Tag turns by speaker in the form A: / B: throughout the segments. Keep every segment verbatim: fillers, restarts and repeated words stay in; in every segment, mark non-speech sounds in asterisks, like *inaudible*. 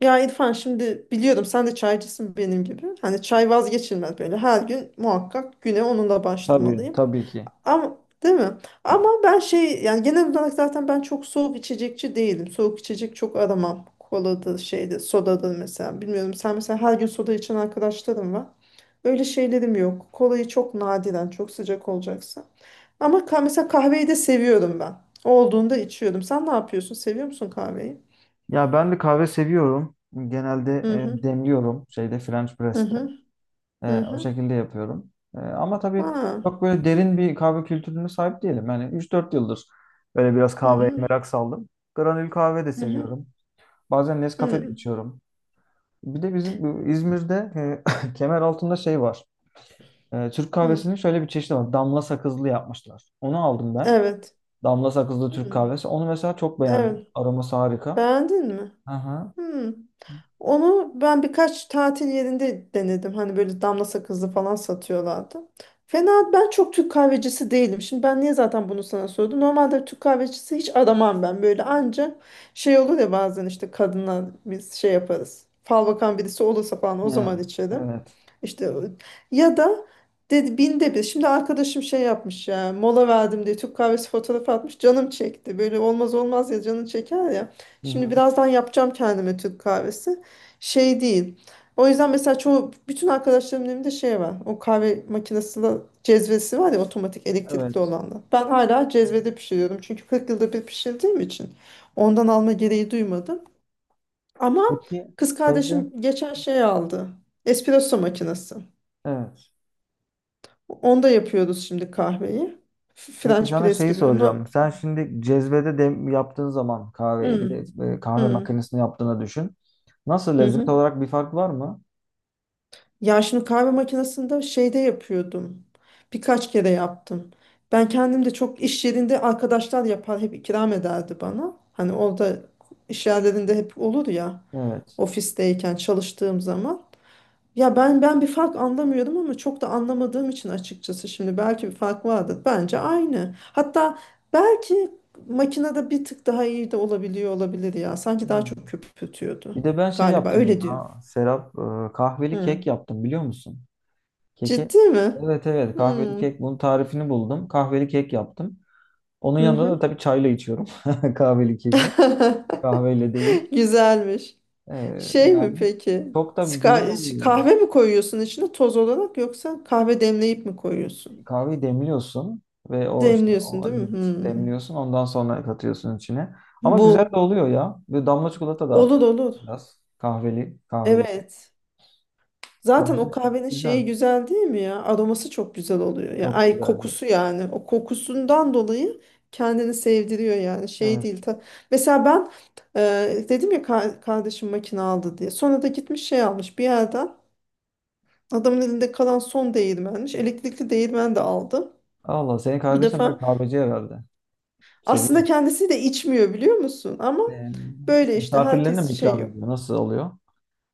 A: Ya İrfan şimdi biliyorum sen de çaycısın benim gibi. Hani çay vazgeçilmez böyle. Her gün muhakkak güne onunla
B: Tabii,
A: başlamalıyım.
B: tabii ki.
A: Ama değil mi? Ama ben şey yani genel olarak zaten ben çok soğuk içecekçi değilim. Soğuk içecek çok aramam. Koladır şeydir, sodadır mesela. Bilmiyorum sen mesela her gün soda içen arkadaşlarım var. Öyle şeylerim yok. Kolayı çok nadiren, çok sıcak olacaksa. Ama ka mesela kahveyi de seviyorum ben. Olduğunda içiyorum. Sen ne yapıyorsun? Seviyor musun kahveyi?
B: Ya ben de kahve seviyorum. Genelde
A: Hı
B: e,
A: hı.
B: demliyorum şeyde French
A: Hı
B: press'te.
A: hı. Hı
B: E, o
A: hı.
B: şekilde yapıyorum. E, ama tabii
A: Ha.
B: çok böyle derin bir kahve kültürüne sahip değilim. Yani üç dört yıldır böyle biraz
A: Hı
B: kahveye
A: hı.
B: merak saldım. Granül kahve de
A: Hı hı.
B: seviyorum. Bazen Nescafe de
A: Hı.
B: içiyorum. Bir de bizim bu İzmir'de e, *laughs* kemer altında şey var. E, Türk
A: Hı.
B: kahvesinin şöyle bir çeşidi var. Damla sakızlı yapmışlar. Onu aldım ben.
A: Evet.
B: Damla sakızlı Türk
A: Hı.
B: kahvesi. Onu mesela çok beğendim.
A: Evet.
B: Aroması harika.
A: Beğendin mi?
B: Aha.
A: Hı. Onu ben birkaç tatil yerinde denedim. Hani böyle damla sakızlı falan satıyorlardı. Fena ben çok Türk kahvecisi değilim. Şimdi ben niye zaten bunu sana sordum? Normalde Türk kahvecisi hiç aramam ben. Böyle anca şey olur ya bazen işte kadınlar biz şey yaparız. Fal bakan birisi olursa falan o
B: Ha,
A: zaman içerim.
B: evet.
A: İşte o- ya da dedi binde bir. Şimdi arkadaşım şey yapmış ya mola verdim diye Türk kahvesi fotoğrafı atmış canım çekti. Böyle olmaz olmaz ya canın çeker ya.
B: Hı
A: Şimdi
B: hı.
A: birazdan yapacağım kendime Türk kahvesi. Şey değil. O yüzden mesela çoğu bütün arkadaşlarımın evinde şey var. O kahve makinesiyle cezvesi var ya otomatik elektrikli
B: Evet.
A: olanla. Ben hala cezvede pişiriyorum. Çünkü kırk yılda bir pişirdiğim için ondan alma gereği duymadım. Ama
B: Peki
A: kız
B: şeyde
A: kardeşim geçen şey aldı. Espresso makinesi.
B: evet.
A: Onda yapıyoruz şimdi kahveyi. F-
B: Peki
A: French
B: sana
A: press
B: şeyi
A: gibi. No,
B: soracağım. Sen şimdi cezvede dem yaptığın zaman kahveyi bir de
A: hmm,
B: e, kahve
A: hmm,
B: makinesini yaptığını düşün. Nasıl lezzet
A: mhm.
B: olarak bir fark var mı?
A: Ya şimdi kahve makinesinde şeyde yapıyordum. Birkaç kere yaptım. Ben kendim de çok iş yerinde arkadaşlar yapar hep ikram ederdi bana. Hani orada iş yerlerinde hep olur ya
B: Evet.
A: ofisteyken çalıştığım zaman. Ya ben ben bir fark anlamıyordum ama çok da anlamadığım için açıkçası şimdi belki bir fark vardır. Bence aynı. Hatta belki makinede bir tık daha iyi de olabiliyor olabilir ya. Sanki daha çok
B: Hmm.
A: köpürtüyordu.
B: Bir de ben şey
A: Galiba
B: yaptım
A: öyle diyorum.
B: ya. Serap e, kahveli
A: Hı.
B: kek yaptım biliyor musun? Keki.
A: Ciddi mi?
B: Evet, evet, kahveli
A: Hmm.
B: kek, bunun tarifini buldum. Kahveli kek yaptım. Onun
A: Hı
B: yanında da
A: hı.
B: tabii çayla içiyorum. *laughs* Kahveli keki.
A: *laughs*
B: Kahveyle değil.
A: Güzelmiş.
B: E,
A: Şey mi
B: Yani
A: peki?
B: çok da güzel
A: Ska-
B: oluyor.
A: Kahve mi koyuyorsun içine toz olarak yoksa kahve demleyip mi koyuyorsun?
B: Kahveyi demliyorsun ve o işte
A: Demliyorsun
B: o,
A: değil mi?
B: evet,
A: Hmm.
B: demliyorsun, ondan sonra katıyorsun içine. Ama güzel de
A: Bu
B: oluyor ya. Bir damla çikolata da at
A: olur olur.
B: biraz. Kahveli, kahveli.
A: Evet. Zaten
B: Bence
A: o kahvenin
B: güzel.
A: şeyi güzel değil mi ya? Aroması çok güzel oluyor. Ya,
B: Çok
A: ay
B: güzel.
A: kokusu yani. O kokusundan dolayı kendini sevdiriyor yani. Şey
B: Evet.
A: değil. Ta... Mesela ben e, dedim ya ka- kardeşim makine aldı diye. Sonra da gitmiş şey almış bir yerden. Adamın elinde kalan son değirmenmiş. Elektrikli değirmen de aldı.
B: Allah, senin
A: Bu
B: kardeşin böyle
A: defa
B: kahveci herhalde. Seviyor.
A: aslında kendisi de içmiyor biliyor musun? Ama
B: Ee,
A: böyle işte
B: misafirlerine
A: herkes
B: mi
A: şey.
B: ikram ediyor? Nasıl oluyor?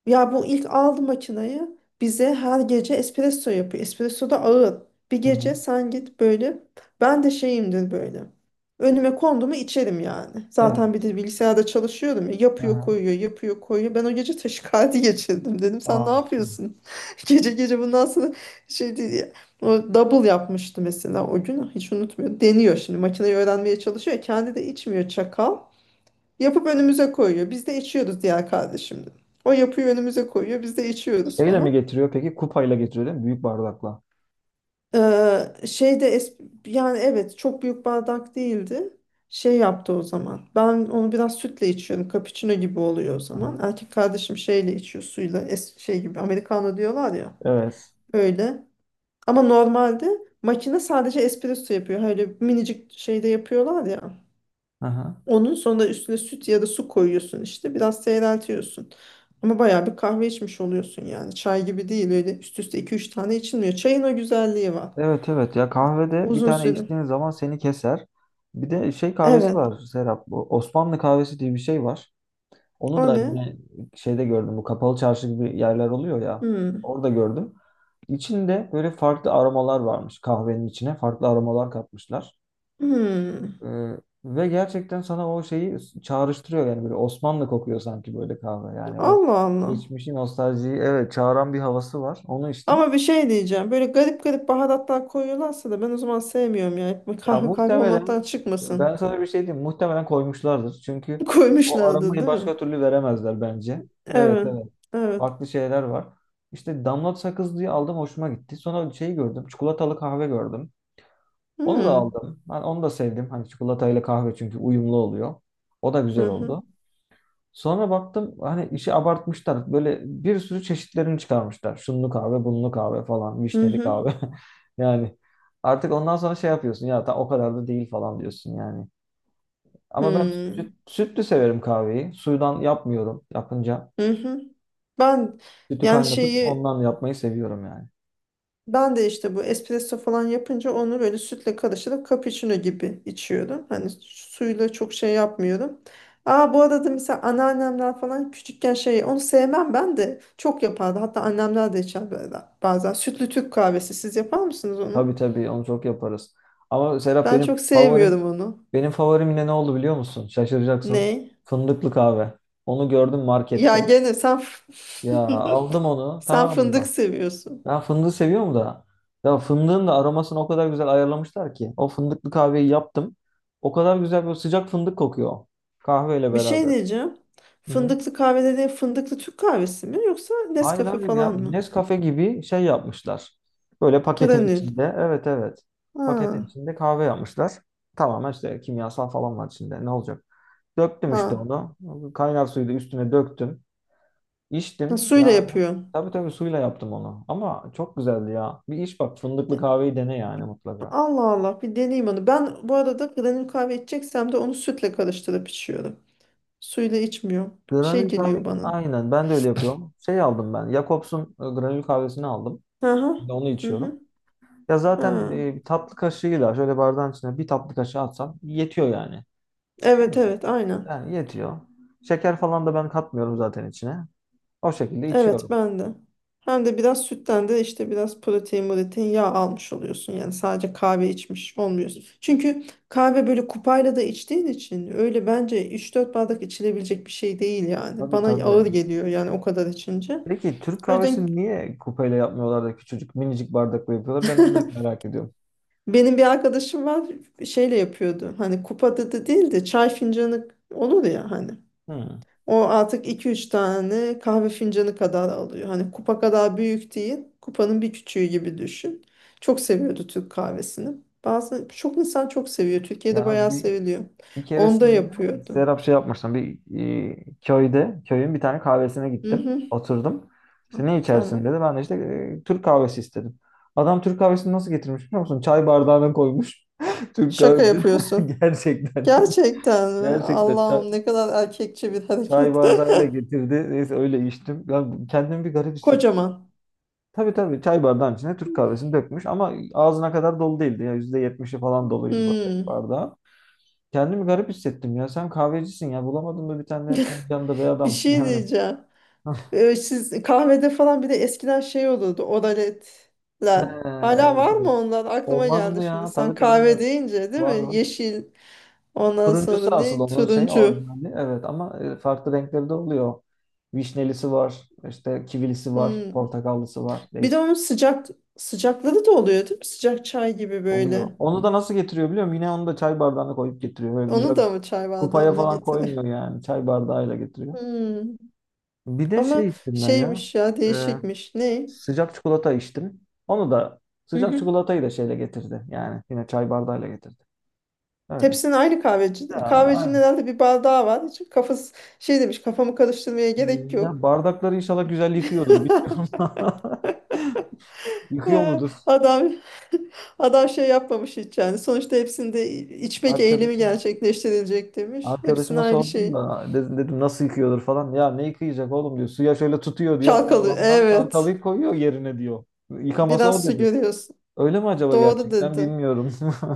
A: Ya bu ilk aldı makinayı, bize her gece espresso yapıyor. Espresso da ağır. Bir
B: Hı
A: gece
B: hı.
A: sen git böyle. Ben de şeyimdir böyle. Önüme kondu mu içerim yani. Zaten bir
B: Evet.
A: de bilgisayarda çalışıyorum ya. Yapıyor
B: Aha.
A: koyuyor yapıyor koyuyor. Ben o gece taşikardi geçirdim dedim. Sen ne
B: Aa.
A: yapıyorsun? *laughs* Gece gece bundan sonra şey değil ya. O double yapmıştı mesela o gün. Hiç unutmuyorum. Deniyor şimdi. Makineyi öğrenmeye çalışıyor. Kendi de içmiyor çakal. Yapıp önümüze koyuyor. Biz de içiyoruz diğer kardeşimle. O yapıyor önümüze koyuyor. Biz de içiyoruz
B: Şeyle mi
A: falan.
B: getiriyor peki? Kupayla getiriyor değil mi? Büyük bardakla.
A: Ee, şeyde es yani evet çok büyük bardak değildi. Şey yaptı o zaman. Ben onu biraz sütle içiyorum. Cappuccino gibi oluyor o
B: Hı
A: zaman.
B: hı.
A: Erkek kardeşim şeyle içiyor suyla. Es şey gibi Americano diyorlar ya.
B: Evet.
A: Öyle. Ama normalde makine sadece espresso yapıyor. Öyle minicik şeyde yapıyorlar ya.
B: Aha.
A: Onun sonra üstüne süt ya da su koyuyorsun işte. Biraz seyreltiyorsun. Ama bayağı bir kahve içmiş oluyorsun yani. Çay gibi değil öyle üst üste iki üç tane içilmiyor. Çayın o güzelliği var.
B: Evet, evet, ya kahvede bir
A: Uzun
B: tane
A: süre.
B: içtiğin zaman seni keser. Bir de şey kahvesi
A: Evet.
B: var Serap. Bu Osmanlı kahvesi diye bir şey var. Onu
A: O
B: da
A: ne?
B: yine şeyde gördüm. Bu kapalı çarşı gibi yerler oluyor ya.
A: Hmm.
B: Orada gördüm. İçinde böyle farklı aromalar varmış kahvenin içine. Farklı aromalar katmışlar.
A: Hmm.
B: Ee, ve gerçekten sana o şeyi çağrıştırıyor yani, böyle Osmanlı kokuyor sanki böyle kahve. Yani o
A: Allah Allah.
B: geçmişin nostaljiyi evet çağıran bir havası var. Onu içtim.
A: Ama bir şey diyeceğim. Böyle garip garip baharatlar koyuyorlarsa da ben o zaman sevmiyorum ya. Hep
B: Ya
A: kahve kahve olmaktan
B: muhtemelen ben
A: çıkmasın.
B: sana bir şey diyeyim. Muhtemelen koymuşlardır.
A: *laughs*
B: Çünkü o
A: Koymuşlardı
B: aramayı
A: değil mi?
B: başka türlü veremezler bence. Evet,
A: Evet.
B: evet.
A: Evet.
B: Farklı şeyler var. İşte damlat sakız diye aldım, hoşuma gitti. Sonra şeyi gördüm. Çikolatalı kahve gördüm. Onu da
A: Hmm.
B: aldım. Ben onu da sevdim. Hani çikolatayla kahve çünkü uyumlu oluyor. O da güzel
A: Hı hı.
B: oldu. Sonra baktım hani işi abartmışlar. Böyle bir sürü çeşitlerini çıkarmışlar. Şunlu kahve, bunlu kahve falan,
A: Hı
B: vişneli
A: hı.
B: kahve. *laughs* Yani artık ondan sonra şey yapıyorsun ya, ta o kadar da değil falan diyorsun yani.
A: Hı
B: Ama ben
A: hı.
B: süt, sütlü severim kahveyi. Suyudan yapmıyorum yapınca.
A: Hı hı. Ben
B: Sütü
A: yani
B: kaynatıp
A: şeyi,
B: ondan yapmayı seviyorum yani.
A: ben de işte bu espresso falan yapınca onu böyle sütle karıştırıp cappuccino gibi içiyorum. Hani suyla çok şey yapmıyorum. Aa, bu arada mesela anneannemler falan küçükken şey onu sevmem ben de çok yapardı. Hatta annemler de içer böyle bazen. Sütlü Türk kahvesi siz yapar mısınız onu?
B: Tabii, tabii, onu çok yaparız. Ama Serap,
A: Ben
B: benim
A: çok
B: favorim
A: sevmiyorum onu.
B: benim favorim yine ne oldu biliyor musun? Şaşıracaksın.
A: Ne?
B: Fındıklı kahve. Onu gördüm
A: Ya
B: markette.
A: gene sen,
B: Ya
A: *laughs*
B: aldım onu,
A: sen
B: tamam
A: fındık
B: mı?
A: seviyorsun.
B: Ben fındığı seviyorum da. Ya fındığın da aromasını o kadar güzel ayarlamışlar ki. O fındıklı kahveyi yaptım. O kadar güzel bir sıcak fındık kokuyor. Kahveyle
A: Bir şey
B: beraber.
A: diyeceğim.
B: Hı hı.
A: Fındıklı kahve dediğin fındıklı Türk kahvesi mi yoksa
B: Hayır,
A: Nescafe
B: hayır ya.
A: falan mı?
B: Nescafe gibi şey yapmışlar. Böyle paketin
A: Granül.
B: içinde. Evet, evet. Paketin
A: Ha,
B: içinde kahve yapmışlar. Tamamen işte kimyasal falan var içinde. Ne olacak? Döktüm işte
A: ha.
B: onu. Kaynar suyu da üstüne döktüm.
A: Ha,
B: İçtim. Ya
A: suyla yapıyorsun.
B: tabii, tabii suyla yaptım onu. Ama çok güzeldi ya. Bir iç bak, fındıklı
A: E,
B: kahveyi dene yani mutlaka.
A: Allah Allah bir deneyeyim onu. Ben bu arada granül kahve içeceksem de onu sütle karıştırıp içiyorum. Suyla içmiyorum. Şey
B: Granül kahve
A: geliyor bana.
B: aynen ben de öyle yapıyorum. Şey aldım ben. Jacobs'un e, granül kahvesini aldım.
A: Hı hı.
B: Şimdi onu
A: Hı
B: içiyorum.
A: hı.
B: Ya zaten
A: Ha.
B: e, bir tatlı kaşığıyla şöyle bardağın içine bir tatlı kaşığı atsam yetiyor yani. Değil
A: Evet
B: mi?
A: evet aynen.
B: Yani yetiyor. Şeker falan da ben katmıyorum zaten içine. O şekilde
A: Evet
B: içiyorum.
A: ben de. Hem de biraz sütten de işte biraz protein, protein, yağ almış oluyorsun. Yani sadece kahve içmiş olmuyorsun. Çünkü kahve böyle kupayla da içtiğin için öyle bence üç dört bardak içilebilecek bir şey değil yani.
B: Tabii,
A: Bana
B: tabii.
A: ağır geliyor yani o kadar içince.
B: Peki Türk
A: O yüzden
B: kahvesini niye kupeyle yapmıyorlar da küçücük minicik bardakla yapıyorlar? Ben onu da hep
A: *laughs*
B: merak ediyorum.
A: benim bir arkadaşım var, şeyle yapıyordu. Hani kupada da da değil de çay fincanı olur ya hani.
B: Hmm.
A: O artık iki üç tane kahve fincanı kadar alıyor. Hani kupa kadar büyük değil, kupanın bir küçüğü gibi düşün. Çok seviyordu Türk kahvesini. Bazı çok insan çok seviyor. Türkiye'de
B: Ya
A: bayağı
B: bir
A: seviliyor.
B: bir
A: Onda
B: keresinde
A: yapıyordum.
B: Serap şey yapmıştım. Bir e, köyde, köyün bir tane kahvesine
A: Hı
B: gittim.
A: hı.
B: Oturdum. İşte ne içersin
A: Tamam.
B: dedi. Ben de işte e, Türk kahvesi istedim. Adam Türk kahvesini nasıl getirmiş biliyor musun? Çay bardağına koymuş. *laughs* Türk
A: Şaka
B: kahvesi. *laughs*
A: yapıyorsun.
B: Gerçekten.
A: Gerçekten mi?
B: Gerçekten çay,
A: Allah'ım ne kadar erkekçe bir
B: çay
A: hareket.
B: bardağıyla getirdi. Neyse öyle içtim. Ben kendimi bir garip
A: *laughs*
B: hissettim.
A: Kocaman.
B: Tabii, tabii çay bardağın içine Türk kahvesini dökmüş ama ağzına kadar dolu değildi. Ya yüzde yetmişi falan doluydu böyle
A: Hmm.
B: bardağın. Kendimi garip hissettim ya. Sen kahvecisin ya. Bulamadın mı bir tane fincanda bey
A: *laughs* Bir
B: adam?
A: şey
B: Yani.
A: diyeceğim.
B: *laughs*
A: Ee, siz kahvede falan bir de eskiden şey olurdu,
B: He,
A: oraletler. Hala
B: evet,
A: var mı
B: evet.
A: onlar? Aklıma
B: Olmaz
A: geldi
B: mı
A: şimdi.
B: ya?
A: Sen
B: Tabii, tabii
A: kahve
B: var.
A: deyince değil
B: Var,
A: mi?
B: var.
A: Yeşil. Ondan
B: Turuncusu
A: sonra
B: asıl
A: ne?
B: onun şey
A: Turuncu.
B: orijinali. Evet, ama e, farklı renkleri de oluyor. Vişnelisi var. İşte kivilisi var.
A: Hmm.
B: Portakallısı var.
A: Bir de
B: Değişik
A: onun sıcak sıcakları da oluyor değil mi? Sıcak çay gibi
B: oluyor.
A: böyle.
B: Onu da nasıl getiriyor biliyor musun? Yine onu da çay bardağına koyup getiriyor. Böyle güzel
A: Onu da mı çay
B: kupaya
A: bardağında
B: falan
A: getirir?
B: koymuyor
A: *laughs*
B: yani. Çay bardağıyla getiriyor.
A: Hmm.
B: Bir de
A: Ama
B: şey içtim ben ya.
A: şeymiş ya değişikmiş. Ne?
B: Sıcak çikolata içtim. Onu da
A: Hı
B: sıcak
A: hı.
B: çikolatayı da şeyle getirdi. Yani yine çay bardağıyla getirdi. Öyle.
A: Hepsinin aynı
B: Ya,
A: kahveci. Kahvecinin
B: aynen.
A: herhalde bir bardağı var. Hiç kafası şey demiş, kafamı karıştırmaya gerek
B: Ya
A: yok.
B: bardakları inşallah güzel yıkıyordur.
A: *laughs*
B: Bilmiyorum. *laughs* Yıkıyor
A: He,
B: mudur?
A: adam *laughs* adam şey yapmamış hiç yani. Sonuçta hepsinde içmek eğilimi
B: Arkadaşım.
A: gerçekleştirilecek demiş. Hepsinin
B: Arkadaşıma
A: aynı
B: sordum
A: şeyi.
B: da dedim, dedim nasıl yıkıyordur falan. Ya ne yıkayacak oğlum diyor. Suya şöyle tutuyor diyor.
A: Çalkalı.
B: Yalandan
A: Evet.
B: çantalayıp koyuyor yerine diyor. Yıkaması o
A: Biraz su
B: dedi.
A: görüyorsun.
B: Öyle mi acaba,
A: Doğru
B: gerçekten
A: dedi.
B: bilmiyorum.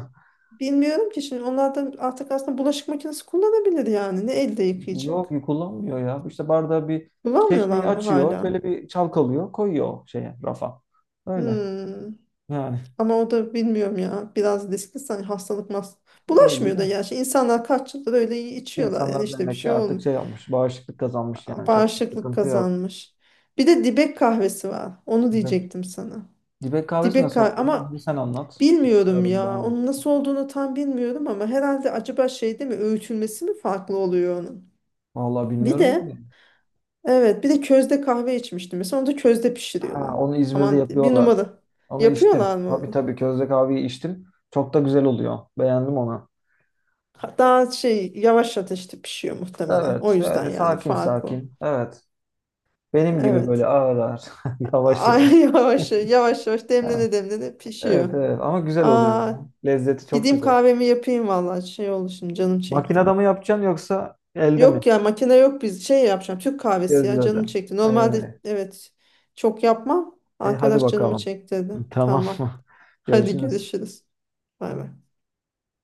B: *laughs*
A: Bilmiyorum ki şimdi onlar da artık aslında bulaşık makinesi kullanabilir yani. Ne elde yıkayacak?
B: Yok, kullanmıyor ya. İşte bardağı bir
A: Kullanmıyorlar
B: çeşmeyi
A: mı
B: açıyor.
A: hala?
B: Şöyle bir çalkalıyor. Koyuyor o şeye rafa. Öyle.
A: Hmm.
B: Yani
A: Ama o da bilmiyorum ya. Biraz riskli sanki hastalık mas.
B: öyle
A: Bulaşmıyor da
B: de.
A: gerçi. İnsanlar kaç yıldır öyle içiyorlar yani
B: İnsanlar
A: işte bir
B: demek ki
A: şey
B: artık
A: olmuyor.
B: şey yapmış. Bağışıklık kazanmış yani. Çok bir
A: Bağışıklık
B: sıkıntı yok.
A: kazanmış. Bir de dibek kahvesi var. Onu
B: Dibek,
A: diyecektim sana.
B: dibek kahvesi
A: Dibek
B: nasıl
A: kahve
B: oluyor?
A: ama
B: Onu sen anlat.
A: bilmiyorum
B: Bilmiyorum
A: ya.
B: ben.
A: Onun nasıl olduğunu tam bilmiyorum ama herhalde acaba şey değil mi? Öğütülmesi mi farklı oluyor onun?
B: Vallahi
A: Bir
B: bilmiyorum
A: de
B: ki.
A: evet bir de közde kahve içmiştim. Mesela onu da közde pişiriyorlar.
B: Ha, onu İzmir'de
A: Aman bir
B: yapıyorlar.
A: numara.
B: Onu içtim.
A: Yapıyorlar mı
B: Tabii,
A: onu?
B: tabii közde kahveyi içtim. Çok da güzel oluyor. Beğendim onu.
A: Daha şey yavaş ateşte pişiyor muhtemelen. O
B: Evet.
A: yüzden
B: Öyle
A: yani
B: sakin
A: fark o.
B: sakin. Evet. Benim gibi böyle
A: Evet.
B: ağır ağır. *laughs* Yavaş
A: Ay, *laughs*
B: yavaş.
A: yavaş yavaş yavaş
B: Ha,
A: demlene demlene
B: evet,
A: pişiyor.
B: evet ama güzel oluyor
A: Aa,
B: ya. Lezzeti çok
A: gideyim
B: güzel.
A: kahvemi yapayım vallahi şey oldu şimdi canım çekti.
B: Makinede mi yapacaksın yoksa elde mi?
A: Yok ya makine yok biz şey yapacağım Türk kahvesi ya
B: Gözlerde.
A: canım çekti. Normalde
B: Evet.
A: evet çok yapmam.
B: E, hadi
A: Arkadaş canımı
B: bakalım.
A: çekti dedi.
B: Tamam *laughs*
A: Tamam.
B: mı?
A: Hadi
B: Görüşürüz.
A: görüşürüz. Bay bay.